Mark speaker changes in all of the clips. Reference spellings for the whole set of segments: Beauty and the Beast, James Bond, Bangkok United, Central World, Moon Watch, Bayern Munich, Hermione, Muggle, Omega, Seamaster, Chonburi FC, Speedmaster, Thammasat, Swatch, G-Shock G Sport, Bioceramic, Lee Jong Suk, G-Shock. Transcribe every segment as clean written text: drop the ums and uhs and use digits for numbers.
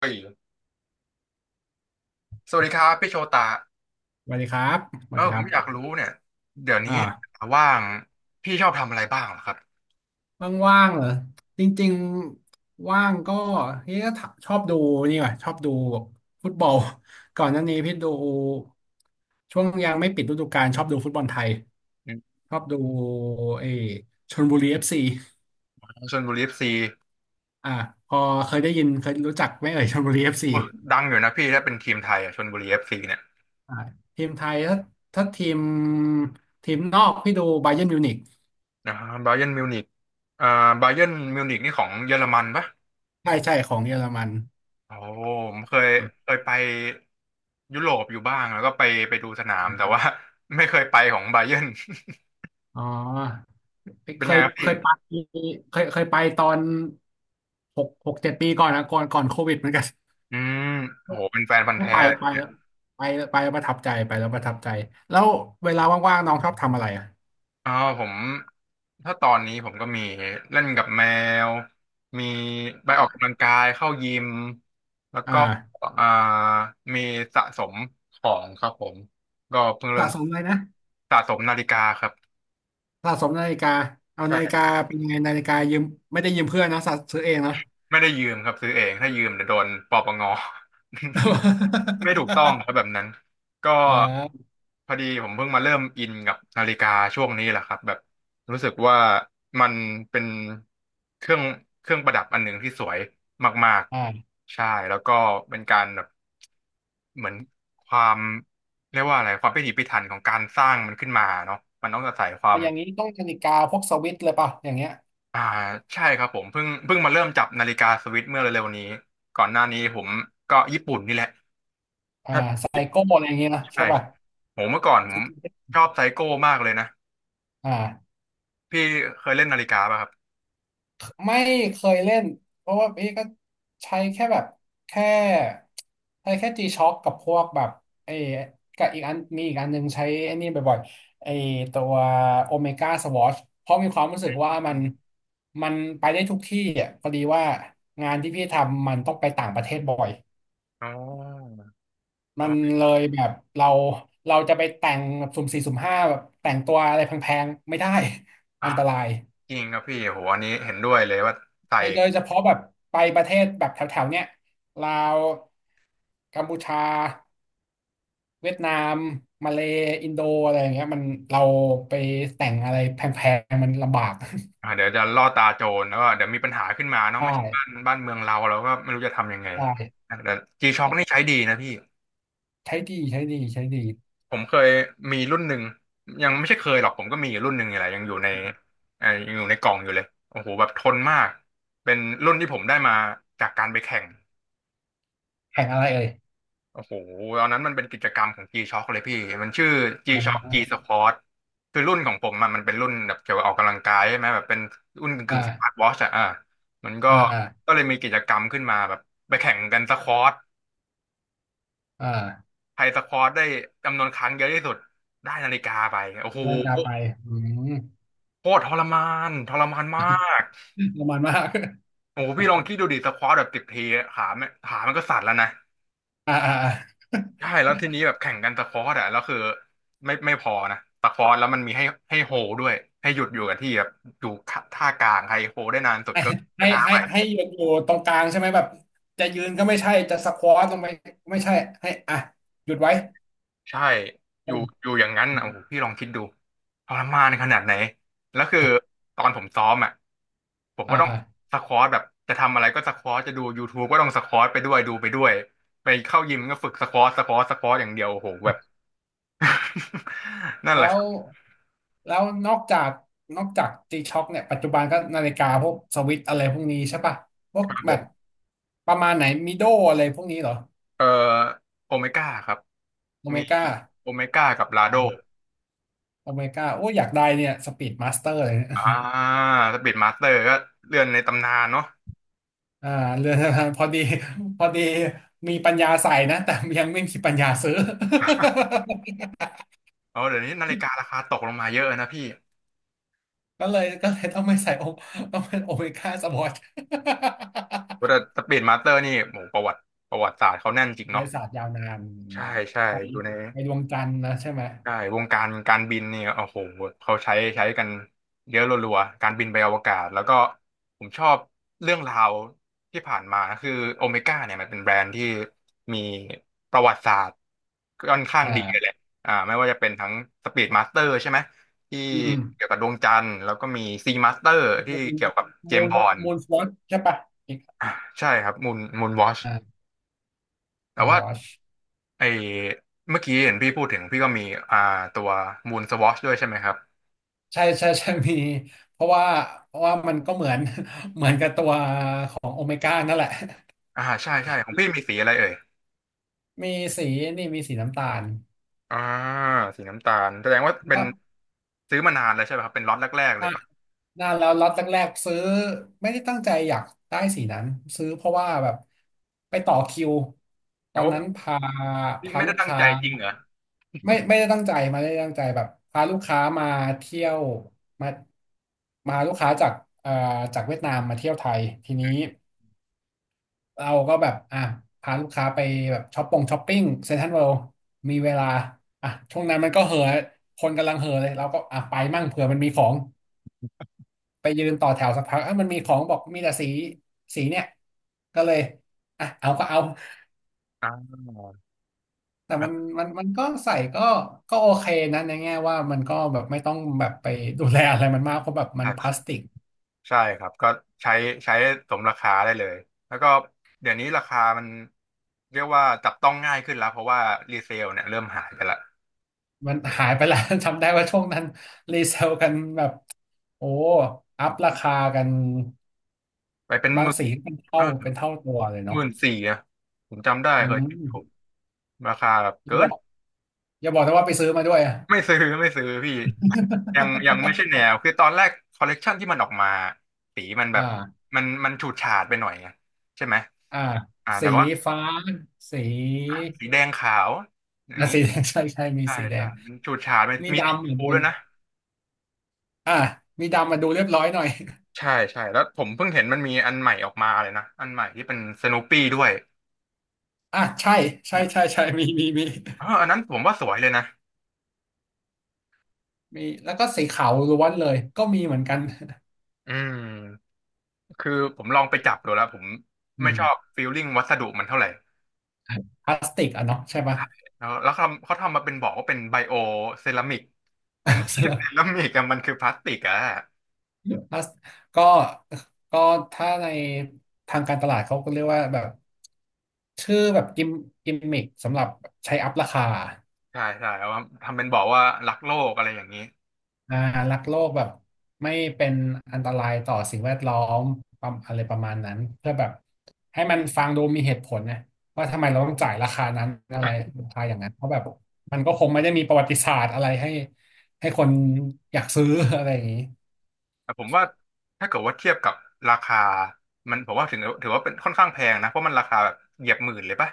Speaker 1: เฮ้ยสวัสดีครับพี่โชตา
Speaker 2: สวัสดีครับส
Speaker 1: เอ
Speaker 2: วัส
Speaker 1: อ
Speaker 2: ดี
Speaker 1: ผ
Speaker 2: ครั
Speaker 1: มอยาก
Speaker 2: บ
Speaker 1: รู้เนี่ยเดี๋ยว
Speaker 2: อ
Speaker 1: นี้
Speaker 2: ่า
Speaker 1: ว่างพี่ชอบทำอะไรบ้างเหรอครับ
Speaker 2: ว่างๆเหรอจริงๆว่างก็เฮ้ยก็ถชอบดูนี่ว่ะชอบดูฟุตบอล ก่อนหน้านี้พี่ดูช่วงยังไม่ปิดฤดูกาลชอบดูฟุตบอลไทย
Speaker 1: อืม
Speaker 2: ชอบดูเออชลบุรีเอฟซี
Speaker 1: ชลบุรีเอฟซี
Speaker 2: อ่าพอเคยได้ยินเคยรู้จักไหมเอ่ยชลบุรีเอฟซี
Speaker 1: ดังอยู่นะพี่ถ้าเป็นทีมไทยอ่ะชลบุรีเอฟซีเนี่ย
Speaker 2: อ่าทีมไทยถ้าทีมนอกพี่ดูบาเยิร์นมิวนิก
Speaker 1: นะบาเยิร์นมิวนิกอ่าบาเยิร์นมิวนิกนี่ของเยอรมันปะ
Speaker 2: ใช่ใช่ของเยอรมัน
Speaker 1: โอ้ผมเคยไปยุโรปอยู่บ้างแล้วก็ไปดูสนามแต่ว่า ไม่เคยไปของบา เยิร์น
Speaker 2: อ๋อ
Speaker 1: เป็
Speaker 2: เค
Speaker 1: นไง
Speaker 2: ย
Speaker 1: ครับ
Speaker 2: เค
Speaker 1: พี่
Speaker 2: ยไปเคยไปตอนหกเจ็ดปีก่อนนะก่อนโควิดเหมือนกัน
Speaker 1: อืมโหเป็นแฟนพัน ธุ์
Speaker 2: ก็
Speaker 1: แท้
Speaker 2: ไปไปแล้วประทับใจไปแล้วประทับใจแล้วเวลาว่างๆน้องชอบทำอะไรอ่ะ
Speaker 1: อ๋อผมถ้าตอนนี้ผมก็มีเล่นกับแมวมีไปออก
Speaker 2: อ่า
Speaker 1: กำลังกายเข้ายิมแล้ว
Speaker 2: อ
Speaker 1: ก็
Speaker 2: ่า
Speaker 1: อ่ามีสะสมของครับผมก็เพิ่งเริ่
Speaker 2: สะ
Speaker 1: ม
Speaker 2: สมอะไรนะ
Speaker 1: สะสมนาฬิกาครับ
Speaker 2: สะสมนาฬิกาเอานาฬิกา
Speaker 1: ใช่
Speaker 2: เป็นยังไงนาฬิกายืมไม่ได้ยืมเพื่อนนะสะซื้อเองเนาะ
Speaker 1: ไม่ได้ยืมครับซื้อเองถ้ายืมเดี๋ยวโดนปปง ไม่ถูกต้องครับแบบนั้นก็
Speaker 2: อ่า
Speaker 1: พอดีผมเพิ่งมาเริ่มอินกับนาฬิกาช่วงนี้แหละครับแบบรู้สึกว่ามันเป็นเครื่องเครื่องประดับอันหนึ่งที่สวยมาก
Speaker 2: อ่า
Speaker 1: ๆใช่แล้วก็เป็นการแบบเหมือนความเรียกว่าอะไรความพิถีพิถันของการสร้างมันขึ้นมาเนาะมันต้องอาศัยควา
Speaker 2: แต่
Speaker 1: ม
Speaker 2: อย่างนี้ต้องนาฬิกาพวกสวิส์เลยป่ะอย่างเงี้ย
Speaker 1: อ่าใช่ครับผมเพิ่งมาเริ่มจับนาฬิกาสวิสเมื่อเร็วๆนี้ก่อนหน้านี้ผมก็ญี่ปุ่นนี่แหละ
Speaker 2: อ่าไซโก้อะไรอย่างเงี้ยนะใช่
Speaker 1: ใช่
Speaker 2: ป่ะ
Speaker 1: ผมเมื่อก่อนผมชอบไซโก้มากเลยนะ
Speaker 2: อ่า
Speaker 1: พี่เคยเล่นนาฬิกาป่ะครับ
Speaker 2: ไม่เคยเล่นเพราะว่าพี่ก็ใช้แค่แบบแค่ใช้แค่ G-Shock กับพวกแบบไอ้กับอีกอันมีอีกอันหนึงใช้ไอ้นี่บ่อยๆไอ้ตัวโอเมก้าสวอชเพราะมีความรู้สึ
Speaker 1: อื
Speaker 2: กว่า
Speaker 1: ม
Speaker 2: มันไปได้ทุกที่อ่ะพอดีว่างานที่พี่ทำมันต้องไปต่างประเทศบ่อย
Speaker 1: อ๋อ
Speaker 2: มั
Speaker 1: อ๋
Speaker 2: น
Speaker 1: อ
Speaker 2: เลยแบบเราเราจะไปแต่งแบบสุ่มสี่สุ่มห้าแบบแต่งตัวอะไรแพงๆไม่ได้
Speaker 1: อ่า
Speaker 2: อันตราย
Speaker 1: จริงครับพี่โหอันนี้เห็นด้วยเลยว่าใส่
Speaker 2: โดยเฉพาะแบบไปประเทศแบบแถวๆเนี้ยลาวกัมพูชาเวียดนามมาเลย์อินโดอะไรอย่างเงี้ยมันเราไปแต่งอะไรแพงๆมันลำบาก
Speaker 1: อ่าเดี๋ยวจะล่อตาโจรแล้วก็เดี๋ยวมีปัญหาขึ้นมาเนาะ
Speaker 2: ได
Speaker 1: ไม่ใช่บ้าน
Speaker 2: ้
Speaker 1: บ้านเมืองเราก็ไม่รู้จะทำยังไง
Speaker 2: ได้
Speaker 1: แต่จีช็อคนี่ใช้ดีนะพี่
Speaker 2: ใช้ดีใช้ดีใช้ดี
Speaker 1: ผมเคยมีรุ่นหนึ่งยังไม่ใช่เคยหรอกผมก็มีอยู่รุ่นหนึ่งนี่แหละยังอยู่ในกล่องอยู่เลยโอ้โหแบบทนมากเป็นรุ่นที่ผมได้มาจากการไปแข่ง
Speaker 2: แข่งอะไรเอ่ย
Speaker 1: โอ้โหตอนนั้นมันเป็นกิจกรรมของ G-Shock เลยพี่มันชื่อ
Speaker 2: อ๋
Speaker 1: G-Shock G
Speaker 2: อ
Speaker 1: Sport คือรุ่นของผมอะมันเป็นรุ่นแบบเกี่ยวกับออกกำลังกายใช่ไหมแบบเป็นรุ่นกึ่งสมาร์ท
Speaker 2: อ่า
Speaker 1: วอชอะอ่ะมันก็
Speaker 2: อ่าอ่า
Speaker 1: ก็เลยมีกิจกรรมขึ้นมาแบบไปแข่งกันสควอต
Speaker 2: อ่า
Speaker 1: ใครสควอตได้จำนวนครั้งเยอะที่สุดได้นาฬิกาไปโอ้โห
Speaker 2: ได้จะไปอืม
Speaker 1: โคตรทรมานมาก
Speaker 2: ประมาณมา ก
Speaker 1: โอ้โหพี่ลองคิดดูดิสควอตแบบสิบทีขาไม่ขามันก็สั่นแล้วนะ
Speaker 2: อ่าอ่าอ่า
Speaker 1: ใช่แล้วทีนี้แบบแข่งกันตะคอร์ดอะแล้วคือไม่พอนะตะคอร์ดแล้วมันมีให้โฮด้วยให้หยุดอยู่กับที่แบบอยู่ท่ากลางใครโฮได้นานสุดก็ชนะไป
Speaker 2: ให้ยืนอยู่ตรงกลางใช่ไหมแบบจะยืนก็ไม่ใช่จะสควอตลงไปไม่ใช่ให้อ่ะหยุดไว้
Speaker 1: ใช่อยู่อยู่อย่างนั้นอ่ะโอ้โหพี่ลองคิดดูทรมานขนาดไหนแล้วคือตอนผมซ้อมอ่ะผมก็ต้อง
Speaker 2: อ่า
Speaker 1: สควอตแบบจะทำอะไรก็สควอตจะดูยูท t u e ก็ต้องสควอตไปด้วยดูไปด้วยไปเข้ายิมก็ฝึกสควอตสควอตสควอตอย่างเดียวโอ้โหแบบ นั่นแห
Speaker 2: แล้
Speaker 1: ละค
Speaker 2: ว
Speaker 1: รับ
Speaker 2: แล้วนอกจากตีช็อคเนี่ยปัจจุบันก็นาฬิกาพวกสวิตอะไรพวกนี้ใช่ปะพว
Speaker 1: ค
Speaker 2: ก
Speaker 1: รับผ
Speaker 2: แบบ
Speaker 1: ม
Speaker 2: ประมาณไหนมิโดอะไรพวกนี้เหรอ
Speaker 1: เอ่อโอเมก้าครับ
Speaker 2: โอเม
Speaker 1: มี
Speaker 2: ก้า
Speaker 1: โอเมก้ากับลาโด
Speaker 2: โอเมก้าโอ้ยอยากได้เนี่ยสปีดมาสเตอร์เลยเนี่ย
Speaker 1: อ่าสปีดมาสเตอร์ก็เรื่อนในตำนานเนาะ
Speaker 2: อ่าเรือนจำพอดีพอดีมีปัญญาใส่นะแต่ยังไม่มีปัญญาซื้อ
Speaker 1: เอาเดี๋ยวนี้นาฬิการาคาตกลงมาเยอะนะพี่
Speaker 2: ก็เลยต้องไม่ใส่โอต้องเป็นโอเมก้าสปอร์ต
Speaker 1: แต่สปีดมาสเตอร์นี่โหประวัติประวัติศาสตร์เขาแน่นจริง
Speaker 2: เลย
Speaker 1: เนาะ
Speaker 2: ศาสตร์ยาวนาน
Speaker 1: ใช่ใช่
Speaker 2: ไป
Speaker 1: อยู่ใน
Speaker 2: ไปดวงจันทร์นะใช่ไหม
Speaker 1: ใช่วงการการบินเนี่ยโอ้โหเขาใช้กันเยอะรัวๆการบินไปอวกาศแล้วก็ผมชอบเรื่องราวที่ผ่านมาคือโอเมก้าเนี่ยมันเป็นแบรนด์ที่มีประวัติศาสตร์ค่อนข้างดีเลยแห
Speaker 2: อ่า
Speaker 1: ละไม่ว่าจะเป็นทั้งสปีดมาสเตอร์ใช่ไหมที่
Speaker 2: อืม
Speaker 1: เกี่ยวกับดวงจันทร์แล้วก็มีซีมาสเตอร์ที่
Speaker 2: มูน
Speaker 1: เกี่ยวกับเจม
Speaker 2: มู
Speaker 1: ส์
Speaker 2: น
Speaker 1: บอนด์
Speaker 2: มูนวอชใช่ปะอีก
Speaker 1: อ่าใช่ครับมูนวอช
Speaker 2: อ่า
Speaker 1: แต่
Speaker 2: มูน
Speaker 1: ว่า
Speaker 2: วอช
Speaker 1: ไอเมื่อกี้เห็นพี่พูดถึงพี่ก็มีอ่าตัวมูนสวอชด้วยใช่ไหมครับ
Speaker 2: ใช่ใช่ใช่มีเพราะว่าเพราะว่ามันก็เหมือน เหมือนกับตัวของโอเมก้านั่นแหละ
Speaker 1: อ่าใช่ใช่ของพี่มีสีอะไรเอ่ย
Speaker 2: มีสีนี่มีสีน้ำตาล
Speaker 1: อ่าสีน้ำตาลแสดงว่าเป็น
Speaker 2: ก็
Speaker 1: ซื้อมานานแล้วใช่ไหมครับเป็นล็อตแรกๆเลยปะ
Speaker 2: น่าแล้วล็อตแรกๆซื้อไม่ได้ตั้งใจอยากได้สีนั้นซื้อเพราะว่าแบบไปต่อคิวตอ
Speaker 1: โอ้
Speaker 2: นนั้นพา
Speaker 1: พี่
Speaker 2: พา
Speaker 1: ไม่
Speaker 2: ลู
Speaker 1: ได้
Speaker 2: ก
Speaker 1: ตั้ง
Speaker 2: ค้า
Speaker 1: ใจจริงเหรอ
Speaker 2: ไม่ได้ตั้งใจมาไม่ได้ตั้งใจแบบพาลูกค้ามาเที่ยวมามาลูกค้าจากเอ่อจากเวียดนามมาเที่ยวไทยทีนี้เราก็แบบอ่ะพาลูกค้าไปแบบช้อปปงช้อปปิ้งเซ็นทรัลเวิลด์มีเวลาอ่ะช่วงนั้นมันก็เห่อะคนกำลังเห่อะเลยเราก็อ่ะไปมั่งเผื่อมันมีของ ไปยืนต่อแถวสักพักอ่ะมันมีของบอกมีแต่สีเนี่ย ก็เลยอ่ะเอาก็เอา
Speaker 1: อ่า
Speaker 2: แต่มัน มันมันก็ใส่ก็โอเคนะในแง่ว่ามันก็แบบไม่ต้องแบบไปดูแลอะไรมันมากเพราะแบบมัน
Speaker 1: อ่ะ
Speaker 2: พลา
Speaker 1: ใช่
Speaker 2: สติก
Speaker 1: ใช่ครับก็ใช้ใช้สมราคาได้เลยแล้วก็เดี๋ยวนี้ราคามันเรียกว่าจับต้องง่ายขึ้นแล้วเพราะว่ารีเซลเนี่ยเริ่มหายไปละ
Speaker 2: มันหายไปแล้ว จำได้ว่าช่วงนั้นรีเซลกันแบบโอ้อัพราคากัน
Speaker 1: ไปเป็นห
Speaker 2: บาง
Speaker 1: มื่น
Speaker 2: สีเป็น
Speaker 1: เอ
Speaker 2: เท่า
Speaker 1: อ
Speaker 2: เป็นเท่าตัวเลย
Speaker 1: ห
Speaker 2: เนาะ
Speaker 1: มื่นสี่อะผมจำได้
Speaker 2: อื
Speaker 1: เคยเห็นอยู่
Speaker 2: ม
Speaker 1: ราคาแบบ
Speaker 2: อ
Speaker 1: เกิ
Speaker 2: ย่าบ
Speaker 1: น
Speaker 2: อก อย่าบอกนะว่าไปซื้อมาด้วยอะ
Speaker 1: ไม่ซื้อไม่ซื้อพี่ยังไม่ใช่แนวคือตอนแรกคอลเลกชันที่มันออกมาสีมัน แบ
Speaker 2: อ่า
Speaker 1: บมันฉูดฉาดไปหน่อยไงใช่ไหม
Speaker 2: อ่า
Speaker 1: แต่
Speaker 2: สี
Speaker 1: ว่า
Speaker 2: ฟ้า สี
Speaker 1: สีแดงขาวอย่าง
Speaker 2: อ่ะ
Speaker 1: นี้
Speaker 2: สีแดง ใช่ใช่มี
Speaker 1: ใช่
Speaker 2: สีแด
Speaker 1: ใช่
Speaker 2: ง
Speaker 1: มันฉูดฉาดมัน
Speaker 2: มี
Speaker 1: มีสี
Speaker 2: ดำ
Speaker 1: ช
Speaker 2: เห
Speaker 1: ม
Speaker 2: มือน
Speaker 1: พู
Speaker 2: บ
Speaker 1: ด้
Speaker 2: น
Speaker 1: วยนะ
Speaker 2: อ่ะมีดำมาดูเรียบร้อยหน่อย
Speaker 1: ใช่ใช่แล้วผมเพิ่งเห็นมันมีอันใหม่ออกมาเลยนะอันใหม่ที่เป็นสโน o ปี้ด้วย
Speaker 2: อ่ะใช่ใช่
Speaker 1: เนี่ย
Speaker 2: ใช่ใช่มีมีมี
Speaker 1: เอออันนั้นผมว่าสวยเลยนะ
Speaker 2: มีแล้วก็สีขาวล้วนเลยก็มีเหมือนกัน
Speaker 1: อืมคือผมลองไปจับดูแล้วผม
Speaker 2: อื
Speaker 1: ไม่
Speaker 2: ม
Speaker 1: ชอบฟีลลิ่งวัสดุมันเท่าไหร่
Speaker 2: พลาสติกอ่ะเนาะใช่ปะ
Speaker 1: แล้วเขาทำมาเป็นบอกว่าเป็นไบโอเซรามิกมันไม่ ใช่
Speaker 2: สำหรับ
Speaker 1: เซรามิกอะมันคือพลาสติกอะ
Speaker 2: พลาสก็ก็ถ้าในทางการตลาดเขาก็เรียกว่าแบบชื่อแบบกิมมิคสำหรับใช้อัพราคา
Speaker 1: ใช่ใช่เอามาทำเป็นบอกว่ารักโลกอะไรอย่างนี้
Speaker 2: อ่ารักโลกแบบไม่เป็นอันตรายต่อสิ่งแวดล้อมประมาณอะไรประมาณนั้นเพื่อแบบให้มันฟังดูมีเหตุผลนะว่าทำไมเราต้องจ่ายราคานั้นอะไรราคาอย่างนั้นเพราะแบบมันก็คงไม่ได้มีประวัติศาสตร์อะไรให้ให้คนอยากซื้อ อะไรอย่างนี้
Speaker 1: แต่ผมว่าถ้าเกิดว่าเทียบกับราคามันผมว่าถึงถือว่าเป็นค่อนข้างแพงนะเพราะมันราคาแบบเหยียบหมื่นเลยปะ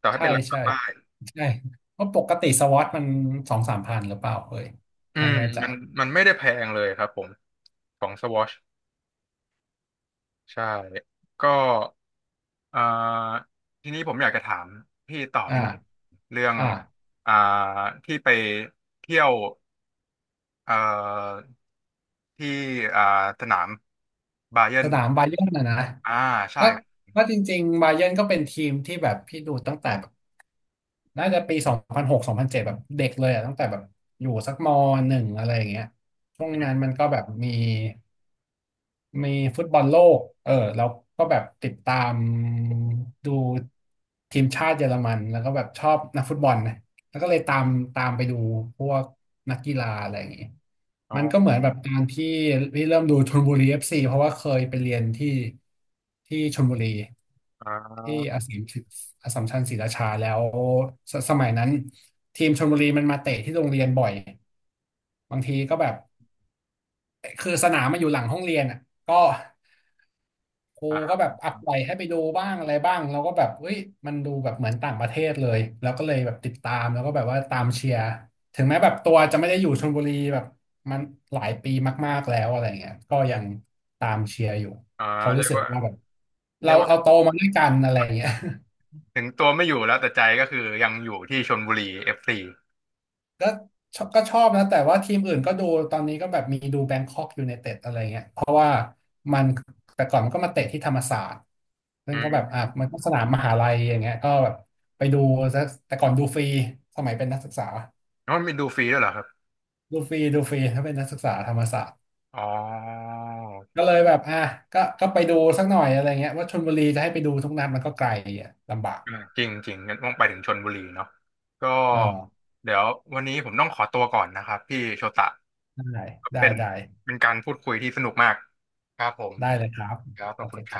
Speaker 1: ต่อให้
Speaker 2: ใช่
Speaker 1: เป็นราคา
Speaker 2: ใช่
Speaker 1: ป้าย
Speaker 2: ใช่เพราะปกติสวอตมันสองสามพันหรือเปล่าเอ้ย
Speaker 1: อื
Speaker 2: ไม่
Speaker 1: ม
Speaker 2: แน่ใจ
Speaker 1: มันมันไม่ได้แพงเลยครับผมของสวอชใช่ก็เอ่อทีนี้ผมอยากจะถามพี่ต่อ
Speaker 2: อ่า
Speaker 1: นิดนึงเรื่อง
Speaker 2: อ่า
Speaker 1: อ่าที่ไปเที่ยว เอ่อที่อ่าสนามบาเยิ
Speaker 2: ส
Speaker 1: ร์น
Speaker 2: นามบาเยิร์นนะนะ
Speaker 1: อ่าใช่
Speaker 2: ก็
Speaker 1: ครับ
Speaker 2: ก็จริงๆบาเยิร์นก็เป็นทีมที่แบบพี่ดูตั้งแต่ น่าจะปี20062007แบบเด็กเลยอะตั้งแต่แบบอยู่สักม.1อะไรอย่างเงี้ยช่วงนั้นมันก็แบบมี มีฟุตบอลโลกแล้วก็แบบติดตามดูทีมชาติเยอรมันแล้วก็แบบชอบนักฟุตบอลนะแล้วก็เลยตามไปดูพวกนักกีฬาอะไรอย่างงี้
Speaker 1: อ๋
Speaker 2: มันก็เห
Speaker 1: อ
Speaker 2: มือนแบบการที่เริ่มดูชลบุรีเอฟซีเพราะว่าเคยไปเรียนที่ชลบุรี
Speaker 1: อ่
Speaker 2: ที่
Speaker 1: า
Speaker 2: อาสสัมชัญอสสัมชัญศรีราชาแล้วสสมัยนั้นทีมชลบุรีมันมาเตะที่โรงเรียนบ่อยบางทีก็แบบ คือสนามมาอยู่หลังห้องเรียนอ่ะก็ครู
Speaker 1: อ่า
Speaker 2: ก็แบบอัปไลให้ไปดูบ้างอะไรบ้างเราก็แบบเฮ้ยมันดูแบบเหมือนต่างประเทศเลยแล้วก็เลยแบบติดตามแล้วก็แบบว่าตามเชียร์ถึงแม้แบบตัวจะไม่ได้อยู่ชลบุรีแบบมันหลายปีมากๆแล้วอะไรเงี้ยก็ยังตามเชียร์อยู่
Speaker 1: อ่า
Speaker 2: เพราะ
Speaker 1: เรี
Speaker 2: รู้
Speaker 1: ยก
Speaker 2: สึก
Speaker 1: ว่า
Speaker 2: ว่าแบบ
Speaker 1: เรี
Speaker 2: เรา
Speaker 1: ยกว่า
Speaker 2: เราโตมาด้วยกันอะไรเงี้ย
Speaker 1: ถึงตัวไม่อยู่แล้วแต่ใจก็คือยังอยู่ที่ชลบุรีเอฟซี
Speaker 2: ก็ชอบก็ชอบนะแต่ว่าทีมอื่นก็ดูตอนนี้ก็แบบมีดูแบงคอกยู n นเต็ดอะไรเงี้ยเพราะว่ามันแต่ก่อนมันก็มาเตะที่ธรรมศาสตร์ซึ่
Speaker 1: อื
Speaker 2: งก็แบบ
Speaker 1: ม
Speaker 2: อ่ะมันก็สนามมหาลัยอย่างเงี้ยก็แบบไปดูซะแต่ก่อนดูฟรีสมัยเป็นนักศึกษา
Speaker 1: แล้วมันมีดูฟรีด้วยเหรอครับ
Speaker 2: ดูฟรีดูฟรีถ้าเป็นนักศึกษาธรรมศาสตร์
Speaker 1: อ๋อ
Speaker 2: ก็เลยแบบอ่ะก็ไปดูสักหน่อยอะไรเงี้ยว่าชลบุรีจะให้ไปดูทุกนัดมันก็ไกลอ่ะลำบาก
Speaker 1: อืมจริงจริงงั้นต้องไปถึงชลบุรีเนาะก็
Speaker 2: อ๋อ
Speaker 1: เดี๋ยววันนี้ผมต้องขอตัวก่อนนะครับพี่โชตะ
Speaker 2: ได้
Speaker 1: ก็
Speaker 2: ได้
Speaker 1: เป็น
Speaker 2: ได้
Speaker 1: เป็นการพูดคุยที่สนุกมากครับผม
Speaker 2: ได้เลยครับ
Speaker 1: ครับขอ
Speaker 2: โอ
Speaker 1: บคุ
Speaker 2: เค
Speaker 1: ณค
Speaker 2: ค
Speaker 1: รับ
Speaker 2: รับ